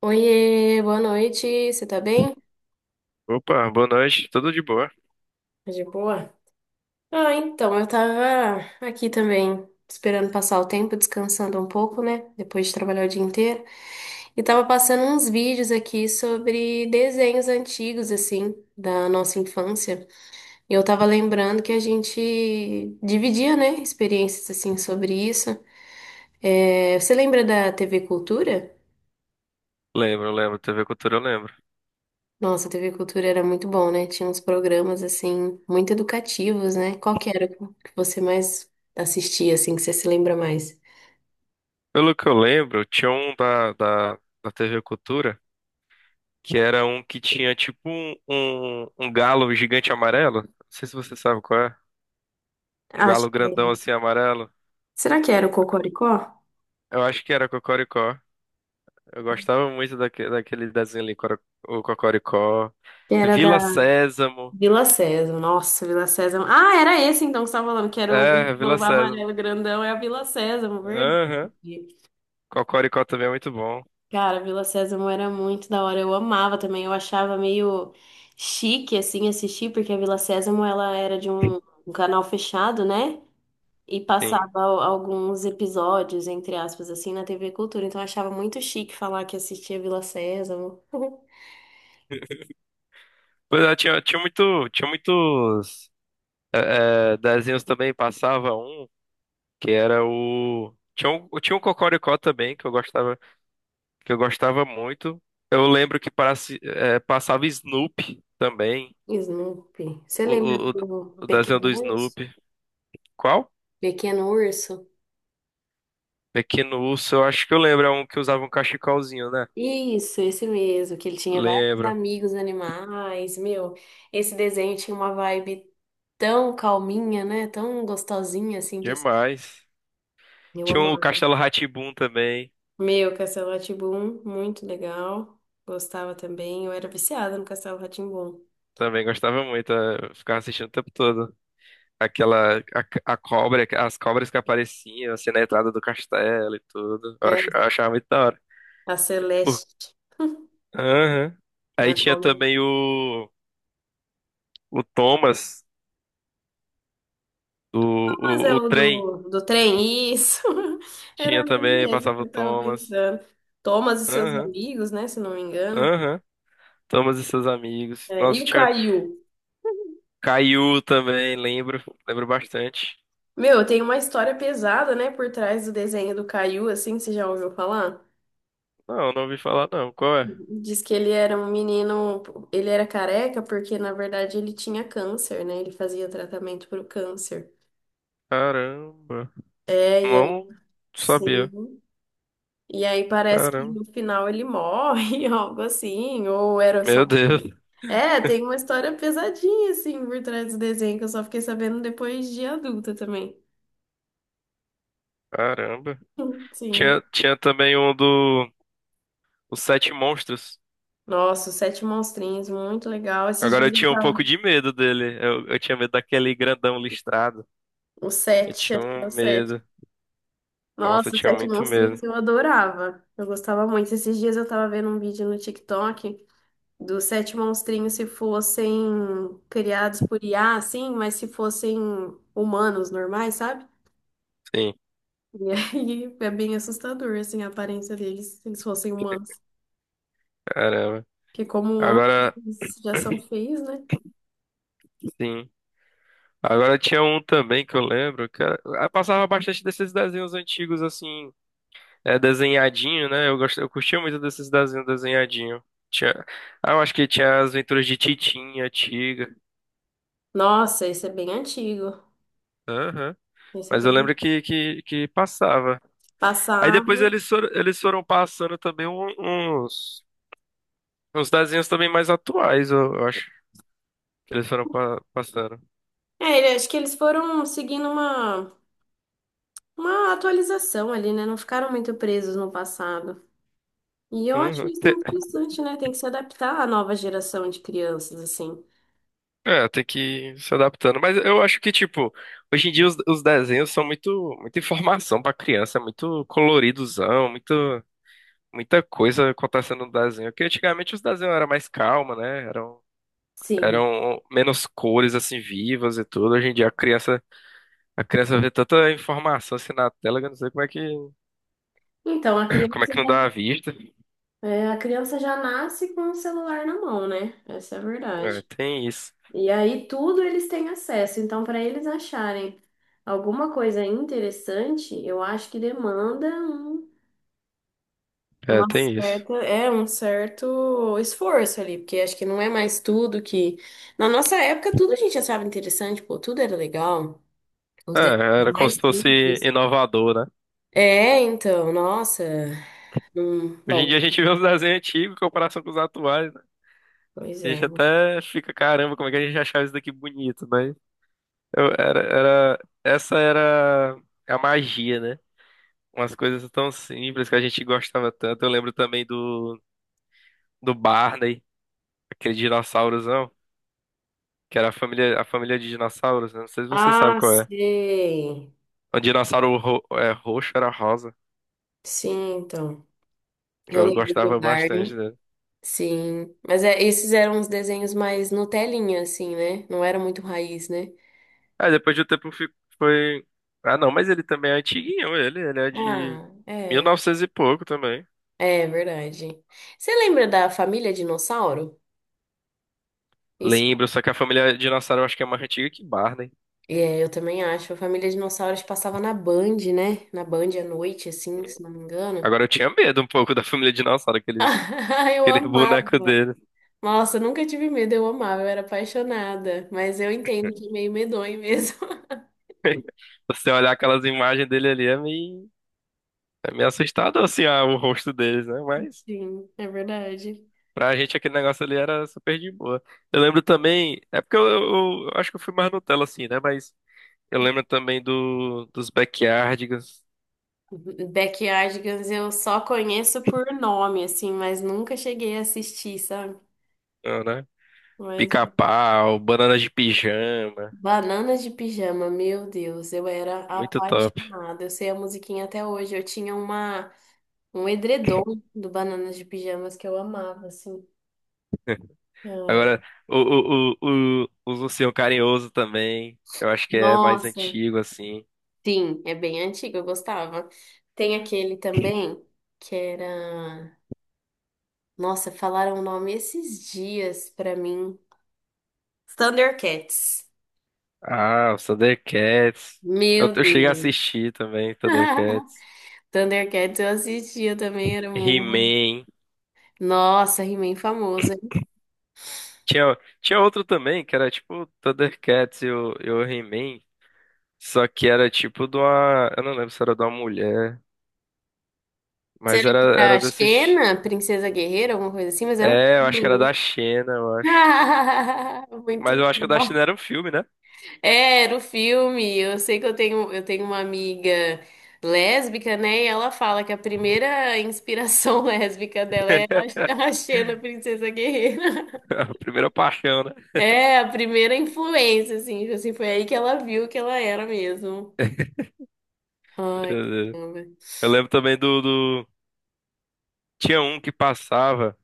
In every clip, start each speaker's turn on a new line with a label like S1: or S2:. S1: Oiê, boa noite, você tá bem?
S2: Opa, boa noite, tudo de boa?
S1: Tá, de boa? Ah, então, eu tava aqui também, esperando passar o tempo, descansando um pouco, né? Depois de trabalhar o dia inteiro. E tava passando uns vídeos aqui sobre desenhos antigos, assim, da nossa infância. E eu tava lembrando que a gente dividia, né, experiências, assim, sobre isso. É, você lembra da TV Cultura?
S2: Lembro, lembro, TV Cultura eu lembro.
S1: Nossa, a TV Cultura era muito bom, né? Tinha uns programas, assim, muito educativos, né? Qual que era o que você mais assistia, assim, que você se lembra mais?
S2: Pelo que eu lembro, tinha um da TV Cultura, que era um que tinha tipo um galo gigante amarelo. Não sei se você sabe qual é. Um
S1: Acho
S2: galo
S1: que.
S2: grandão assim amarelo.
S1: Será que era o Cocoricó?
S2: Eu acho que era Cocoricó. Eu gostava muito daquele desenho ali, o Cocoricó.
S1: Que era da
S2: Vila Sésamo.
S1: Vila Sésamo. Nossa, Vila Sésamo. Ah, era esse então que você estava falando, que era o
S2: É, Vila
S1: Globo
S2: Sésamo.
S1: Amarelo Grandão, é a Vila Sésamo, verdade.
S2: Aham. Cocoricó também é muito bom.
S1: Cara, Vila Sésamo era muito da hora. Eu amava também, eu achava meio chique, assim, assistir, porque a Vila Sésamo, ela era de um canal fechado, né? E
S2: Sim.
S1: passava alguns episódios, entre aspas, assim, na TV Cultura. Então eu achava muito chique falar que assistia Vila Sésamo.
S2: Pois é, tinha muitos. Desenhos também passava um que era o tinha um Cocoricó também que eu gostava muito. Eu lembro que passava Snoopy também,
S1: Snoopy. Você lembra
S2: o, o,
S1: do
S2: o desenho
S1: Pequeno
S2: do
S1: Urso?
S2: Snoopy. Qual?
S1: Pequeno Urso?
S2: Pequeno Urso, eu acho que eu lembro, é um que usava um cachecolzinho, né?
S1: Isso, esse mesmo, que ele tinha vários
S2: Lembro.
S1: amigos animais. Meu, esse desenho tinha uma vibe tão calminha, né? Tão gostosinha, assim, de assistir.
S2: Demais.
S1: Eu
S2: Tinha um
S1: amava.
S2: Castelo rá também.
S1: Meu, Castelo rá muito legal. Gostava também. Eu era viciada no Castelo rá.
S2: Também gostava muito, é, eu ficava assistindo o tempo todo. Aquela a, cobra, as cobras que apareciam assim na entrada do castelo e tudo. Eu achava muito da hora.
S1: A
S2: Por-
S1: Celeste,
S2: Aham. Aí
S1: a
S2: tinha
S1: Colônia.
S2: também o Thomas, o,
S1: Mas é
S2: o
S1: o
S2: trem.
S1: do trem, isso. Era
S2: Tinha
S1: ele
S2: também,
S1: mesmo que
S2: passava o
S1: eu tava
S2: Thomas.
S1: pensando. Thomas e seus
S2: Aham.
S1: amigos, né? Se não me engano.
S2: Aham. Thomas e seus amigos.
S1: É, e
S2: Nossa,
S1: o
S2: tinha
S1: Caio?
S2: Caillou também, lembro, lembro bastante.
S1: Meu, tem uma história pesada, né? Por trás do desenho do Caio, assim, você já ouviu falar?
S2: Não, não ouvi falar não. Qual é?
S1: Diz que ele era um menino, ele era careca porque, na verdade, ele tinha câncer, né? Ele fazia tratamento pro câncer.
S2: Caramba.
S1: É, e aí,
S2: Não sabia.
S1: sim. E aí parece que
S2: Caramba.
S1: no final ele morre, algo assim, ou era só,
S2: Meu
S1: um.
S2: Deus.
S1: É, tem uma história pesadinha, assim, por trás do desenho, que eu só fiquei sabendo depois de adulta também.
S2: Caramba.
S1: Sim.
S2: Tinha também um do Os Sete Monstros.
S1: Nossa, os Sete Monstrinhos, muito legal. Esses
S2: Agora eu
S1: dias eu
S2: tinha um
S1: tava-
S2: pouco de medo dele. Eu tinha medo daquele grandão listrado.
S1: O
S2: Eu
S1: Sete,
S2: tinha
S1: acho que é
S2: um
S1: o Sete.
S2: medo. Nossa, eu
S1: Nossa, os
S2: tinha
S1: Sete
S2: muito medo.
S1: Monstrinhos eu adorava. Eu gostava muito. Esses dias eu tava vendo um vídeo no TikTok dos Sete Monstrinhos se fossem criados por IA, assim, mas se fossem humanos normais, sabe?
S2: Sim,
S1: E aí é bem assustador, assim, a aparência deles, se eles fossem humanos.
S2: caramba.
S1: Porque como ontem
S2: Agora,
S1: já são feios, né?
S2: sim. Agora tinha um também que eu lembro, eu passava bastante desses desenhos antigos, assim, é, desenhadinho, né? Eu gosto, eu curtia muito desses desenhos desenhadinho. Tinha, ah, eu acho que tinha as Aventuras de Titinha, Tiga.
S1: Nossa, esse é bem antigo.
S2: Aham.
S1: Esse é
S2: Mas eu
S1: bem
S2: lembro que passava. Aí depois
S1: passado.
S2: eles foram passando também uns, uns desenhos também mais atuais, eu acho, que eles foram passando.
S1: É, acho que eles foram seguindo uma atualização ali, né? Não ficaram muito presos no passado. E eu acho
S2: Uhum.
S1: isso interessante, né? Tem que se adaptar à nova geração de crianças, assim.
S2: Tem que ir se adaptando. Mas eu acho que, tipo, hoje em dia os desenhos são muito, muita informação pra criança, é muito coloridozão, muito, muita coisa acontecendo no desenho. Porque antigamente os desenhos eram mais calma, né?
S1: Sim.
S2: Eram menos cores, assim, vivas e tudo. Hoje em dia a criança vê tanta informação assim na tela que eu não sei como é que,
S1: Então, a
S2: como é
S1: criança
S2: que não
S1: já,
S2: dá a vista.
S1: é, a criança já nasce com o celular na mão, né? Essa é a
S2: É,
S1: verdade.
S2: tem isso.
S1: E aí tudo eles têm acesso. Então, para eles acharem alguma coisa interessante, eu acho que demanda um-
S2: É,
S1: uma
S2: tem isso.
S1: certa, é um certo esforço ali, porque acho que não é mais tudo que na nossa época tudo a gente achava interessante, pô, tudo era legal.
S2: É,
S1: Os detalhes
S2: era como
S1: mais
S2: se fosse
S1: simples.
S2: inovador, né?
S1: É, então, nossa.
S2: Hoje em dia
S1: Bom,
S2: a gente vê os desenhos antigos em comparação com os atuais, né?
S1: pois
S2: A
S1: é.
S2: gente até fica, caramba, como é que a gente achava isso daqui bonito, mas essa era a magia, né? Umas coisas tão simples que a gente gostava tanto. Eu lembro também do Barney, aquele dinossaurozão, que era a família de dinossauros, né? Não sei se você sabe
S1: Ah,
S2: qual é.
S1: sei.
S2: O dinossauro roxo era rosa.
S1: Sim, então. Eu
S2: Eu
S1: lembro do
S2: gostava bastante
S1: Barney.
S2: né?
S1: Sim, mas é, esses eram os desenhos mais Nutelinha, assim, né? Não era muito raiz, né?
S2: Aí depois de um tempo foi. Ah, não, mas ele também é antiguinho, ele. Ele é de
S1: Ah,
S2: mil e
S1: é,
S2: novecentos e pouco também.
S1: é verdade. Você lembra da Família Dinossauro? Isso,
S2: Lembro, só que a família dinossauro eu acho que é mais antiga que Barney.
S1: é, eu também acho. A Família Dinossauro acho que passava na Band, né? Na Band à noite, assim, se não me engano.
S2: Agora eu tinha medo um pouco da família dinossauro,
S1: Eu
S2: aquele
S1: amava.
S2: boneco dele.
S1: Nossa, eu nunca tive medo, eu amava, eu era apaixonada. Mas eu entendo que é meio medonho mesmo.
S2: Você olhar aquelas imagens dele ali é meio assustador, assim, ah, o rosto deles, né? Mas
S1: Sim, é verdade.
S2: pra gente aquele negócio ali era super de boa. Eu lembro também, é porque eu acho que eu fui mais Nutella, assim, né? Mas eu lembro também dos Backyardigans,
S1: Backyardigans eu só conheço por nome, assim, mas nunca cheguei a assistir, sabe?
S2: ah, né?
S1: Mas
S2: Pica-pau, banana de pijama,
S1: Bananas de Pijama, meu Deus, eu era
S2: muito top.
S1: apaixonada. Eu sei a musiquinha até hoje. Eu tinha uma um edredom do Bananas de Pijamas que eu amava, assim. Cara,
S2: Agora, o, os Ursinho Carinhoso também, eu acho que é mais
S1: nossa,
S2: antigo, assim.
S1: sim, é bem antigo, eu gostava. Tem aquele também que era, nossa, falaram o nome esses dias pra mim. Thundercats.
S2: Ah, os Thundercats.
S1: Meu
S2: Eu cheguei a
S1: Deus.
S2: assistir também, Thundercats.
S1: Thundercats eu assistia também, era muito.
S2: He-Man.
S1: Nossa, He-Man famoso, hein?
S2: Tinha, tinha outro também, que era tipo Thundercats e o He-Man. Só que era tipo de uma. Eu não lembro se era de uma mulher,
S1: Será
S2: mas
S1: que era
S2: era
S1: a
S2: desses.
S1: Xena, Princesa Guerreira, alguma coisa assim? Mas era um
S2: É, eu acho que era
S1: filme.
S2: da China, eu acho. Mas
S1: Muito
S2: eu acho que o da China
S1: bom.
S2: era um filme, né?
S1: É, era o filme. Eu sei que eu tenho uma amiga lésbica, né? E ela fala que a primeira inspiração lésbica dela é a Xena, Princesa Guerreira.
S2: A primeira paixão, né?
S1: É, a primeira influência, assim, foi aí que ela viu que ela era mesmo.
S2: É,
S1: Ai,
S2: é.
S1: caramba.
S2: Eu lembro também do... Tinha um que passava,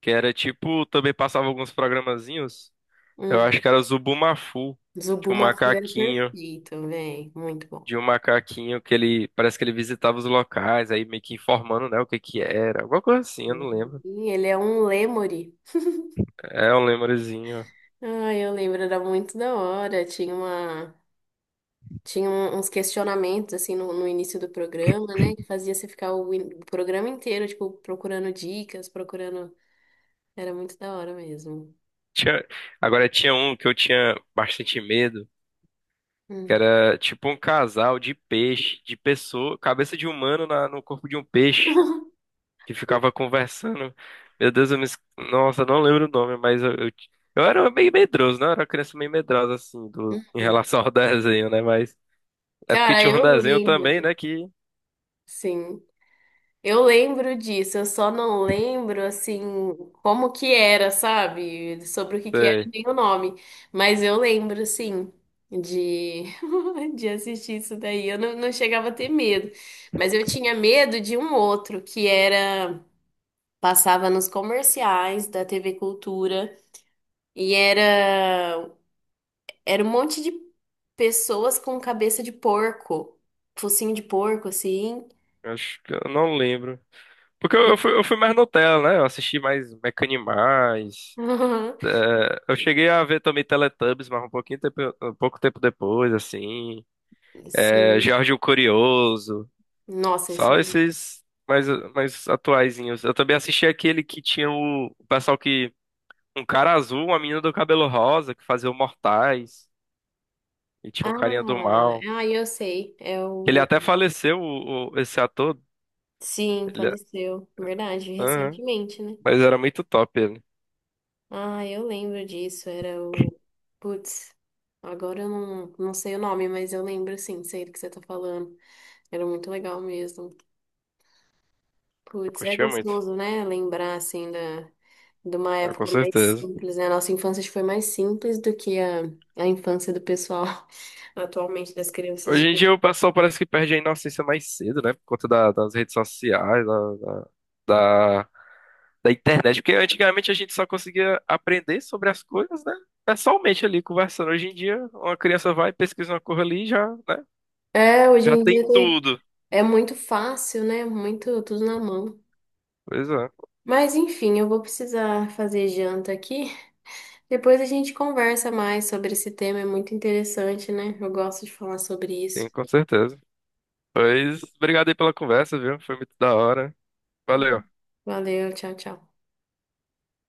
S2: que era tipo... Também passava alguns programazinhos. Eu
S1: Hum,
S2: acho que era Zubumafu. Tinha um
S1: Zubuma Fu é
S2: macaquinho,
S1: perfeito, velho. Muito bom.
S2: de um macaquinho que ele... Parece que ele visitava os locais, aí meio que informando, né, o que que era. Alguma coisa assim, eu não lembro.
S1: E ele é um lêmure.
S2: É um lembrezinho.
S1: Ah, eu lembro, era muito da hora. Tinha uns questionamentos assim no início do programa, né? Que fazia você ficar o programa inteiro, tipo, procurando dicas, procurando. Era muito da hora mesmo.
S2: Tinha... Agora, tinha um que eu tinha bastante medo, que
S1: Hum.
S2: era tipo um casal de peixe, de pessoa... Cabeça de humano no corpo de um peixe. Que ficava conversando. Meu Deus, eu nossa, eu não lembro o nome, mas eu era meio medroso, né? Eu era uma criança meio medrosa, assim, do... em relação ao desenho, né? Mas é porque
S1: Cara,
S2: tinha um
S1: eu
S2: desenho também,
S1: lembro.
S2: né? Que.
S1: Sim. Eu lembro disso, eu só não lembro assim como que era, sabe? Sobre o que que era
S2: É,
S1: nem o nome, mas eu lembro assim de de assistir isso daí. Eu não, não chegava a ter medo, mas eu tinha medo de um outro que era passava nos comerciais da TV Cultura e era um monte de pessoas com cabeça de porco, focinho de porco assim.
S2: acho que eu não lembro. Porque
S1: E-
S2: eu fui mais Nutella, né? Eu assisti mais Mecanimais. É, eu cheguei a ver também Teletubbies, mas um pouquinho tempo, um pouco tempo depois, assim. É,
S1: Sim.
S2: Jorge o Curioso.
S1: Nossa, esse é.
S2: Só esses mais atuaizinhos. Eu também assisti aquele que tinha o pessoal que. Um cara azul, uma menina do cabelo rosa, que fazia o Mortais. E tinha o
S1: Ah,
S2: carinha do mal.
S1: ah, eu sei. É
S2: Ele
S1: o.
S2: até faleceu, esse ator.
S1: Sim,
S2: Ele,
S1: faleceu. Verdade,
S2: aham.
S1: recentemente, né?
S2: Mas era muito top ele.
S1: Ah, eu lembro disso. Era o. Putz, agora eu não, não sei o nome, mas eu lembro sim, sei do que você tá falando. Era muito legal mesmo.
S2: Eu
S1: Putz, é
S2: curtia muito.
S1: gostoso, né? Lembrar, assim, de uma
S2: Ah, com
S1: época mais
S2: certeza.
S1: simples, né? A nossa infância acho que foi mais simples do que a infância do pessoal atualmente das crianças.
S2: Hoje
S1: de-
S2: em
S1: hoje.
S2: dia o pessoal parece que perde a inocência mais cedo, né? Por conta das redes sociais, da da internet, porque antigamente a gente só conseguia aprender sobre as coisas, né? Pessoalmente ali conversando. Hoje em dia, uma criança vai, pesquisa uma coisa ali e já, né?
S1: É, hoje
S2: Já
S1: em
S2: tem
S1: dia tem.
S2: tudo.
S1: É muito fácil, né? Muito tudo na mão.
S2: Pois é,
S1: Mas enfim, eu vou precisar fazer janta aqui. Depois a gente conversa mais sobre esse tema, é muito interessante, né? Eu gosto de falar sobre isso.
S2: tem com certeza. Pois, obrigado aí pela conversa, viu? Foi muito da hora. Valeu.
S1: Valeu, tchau, tchau.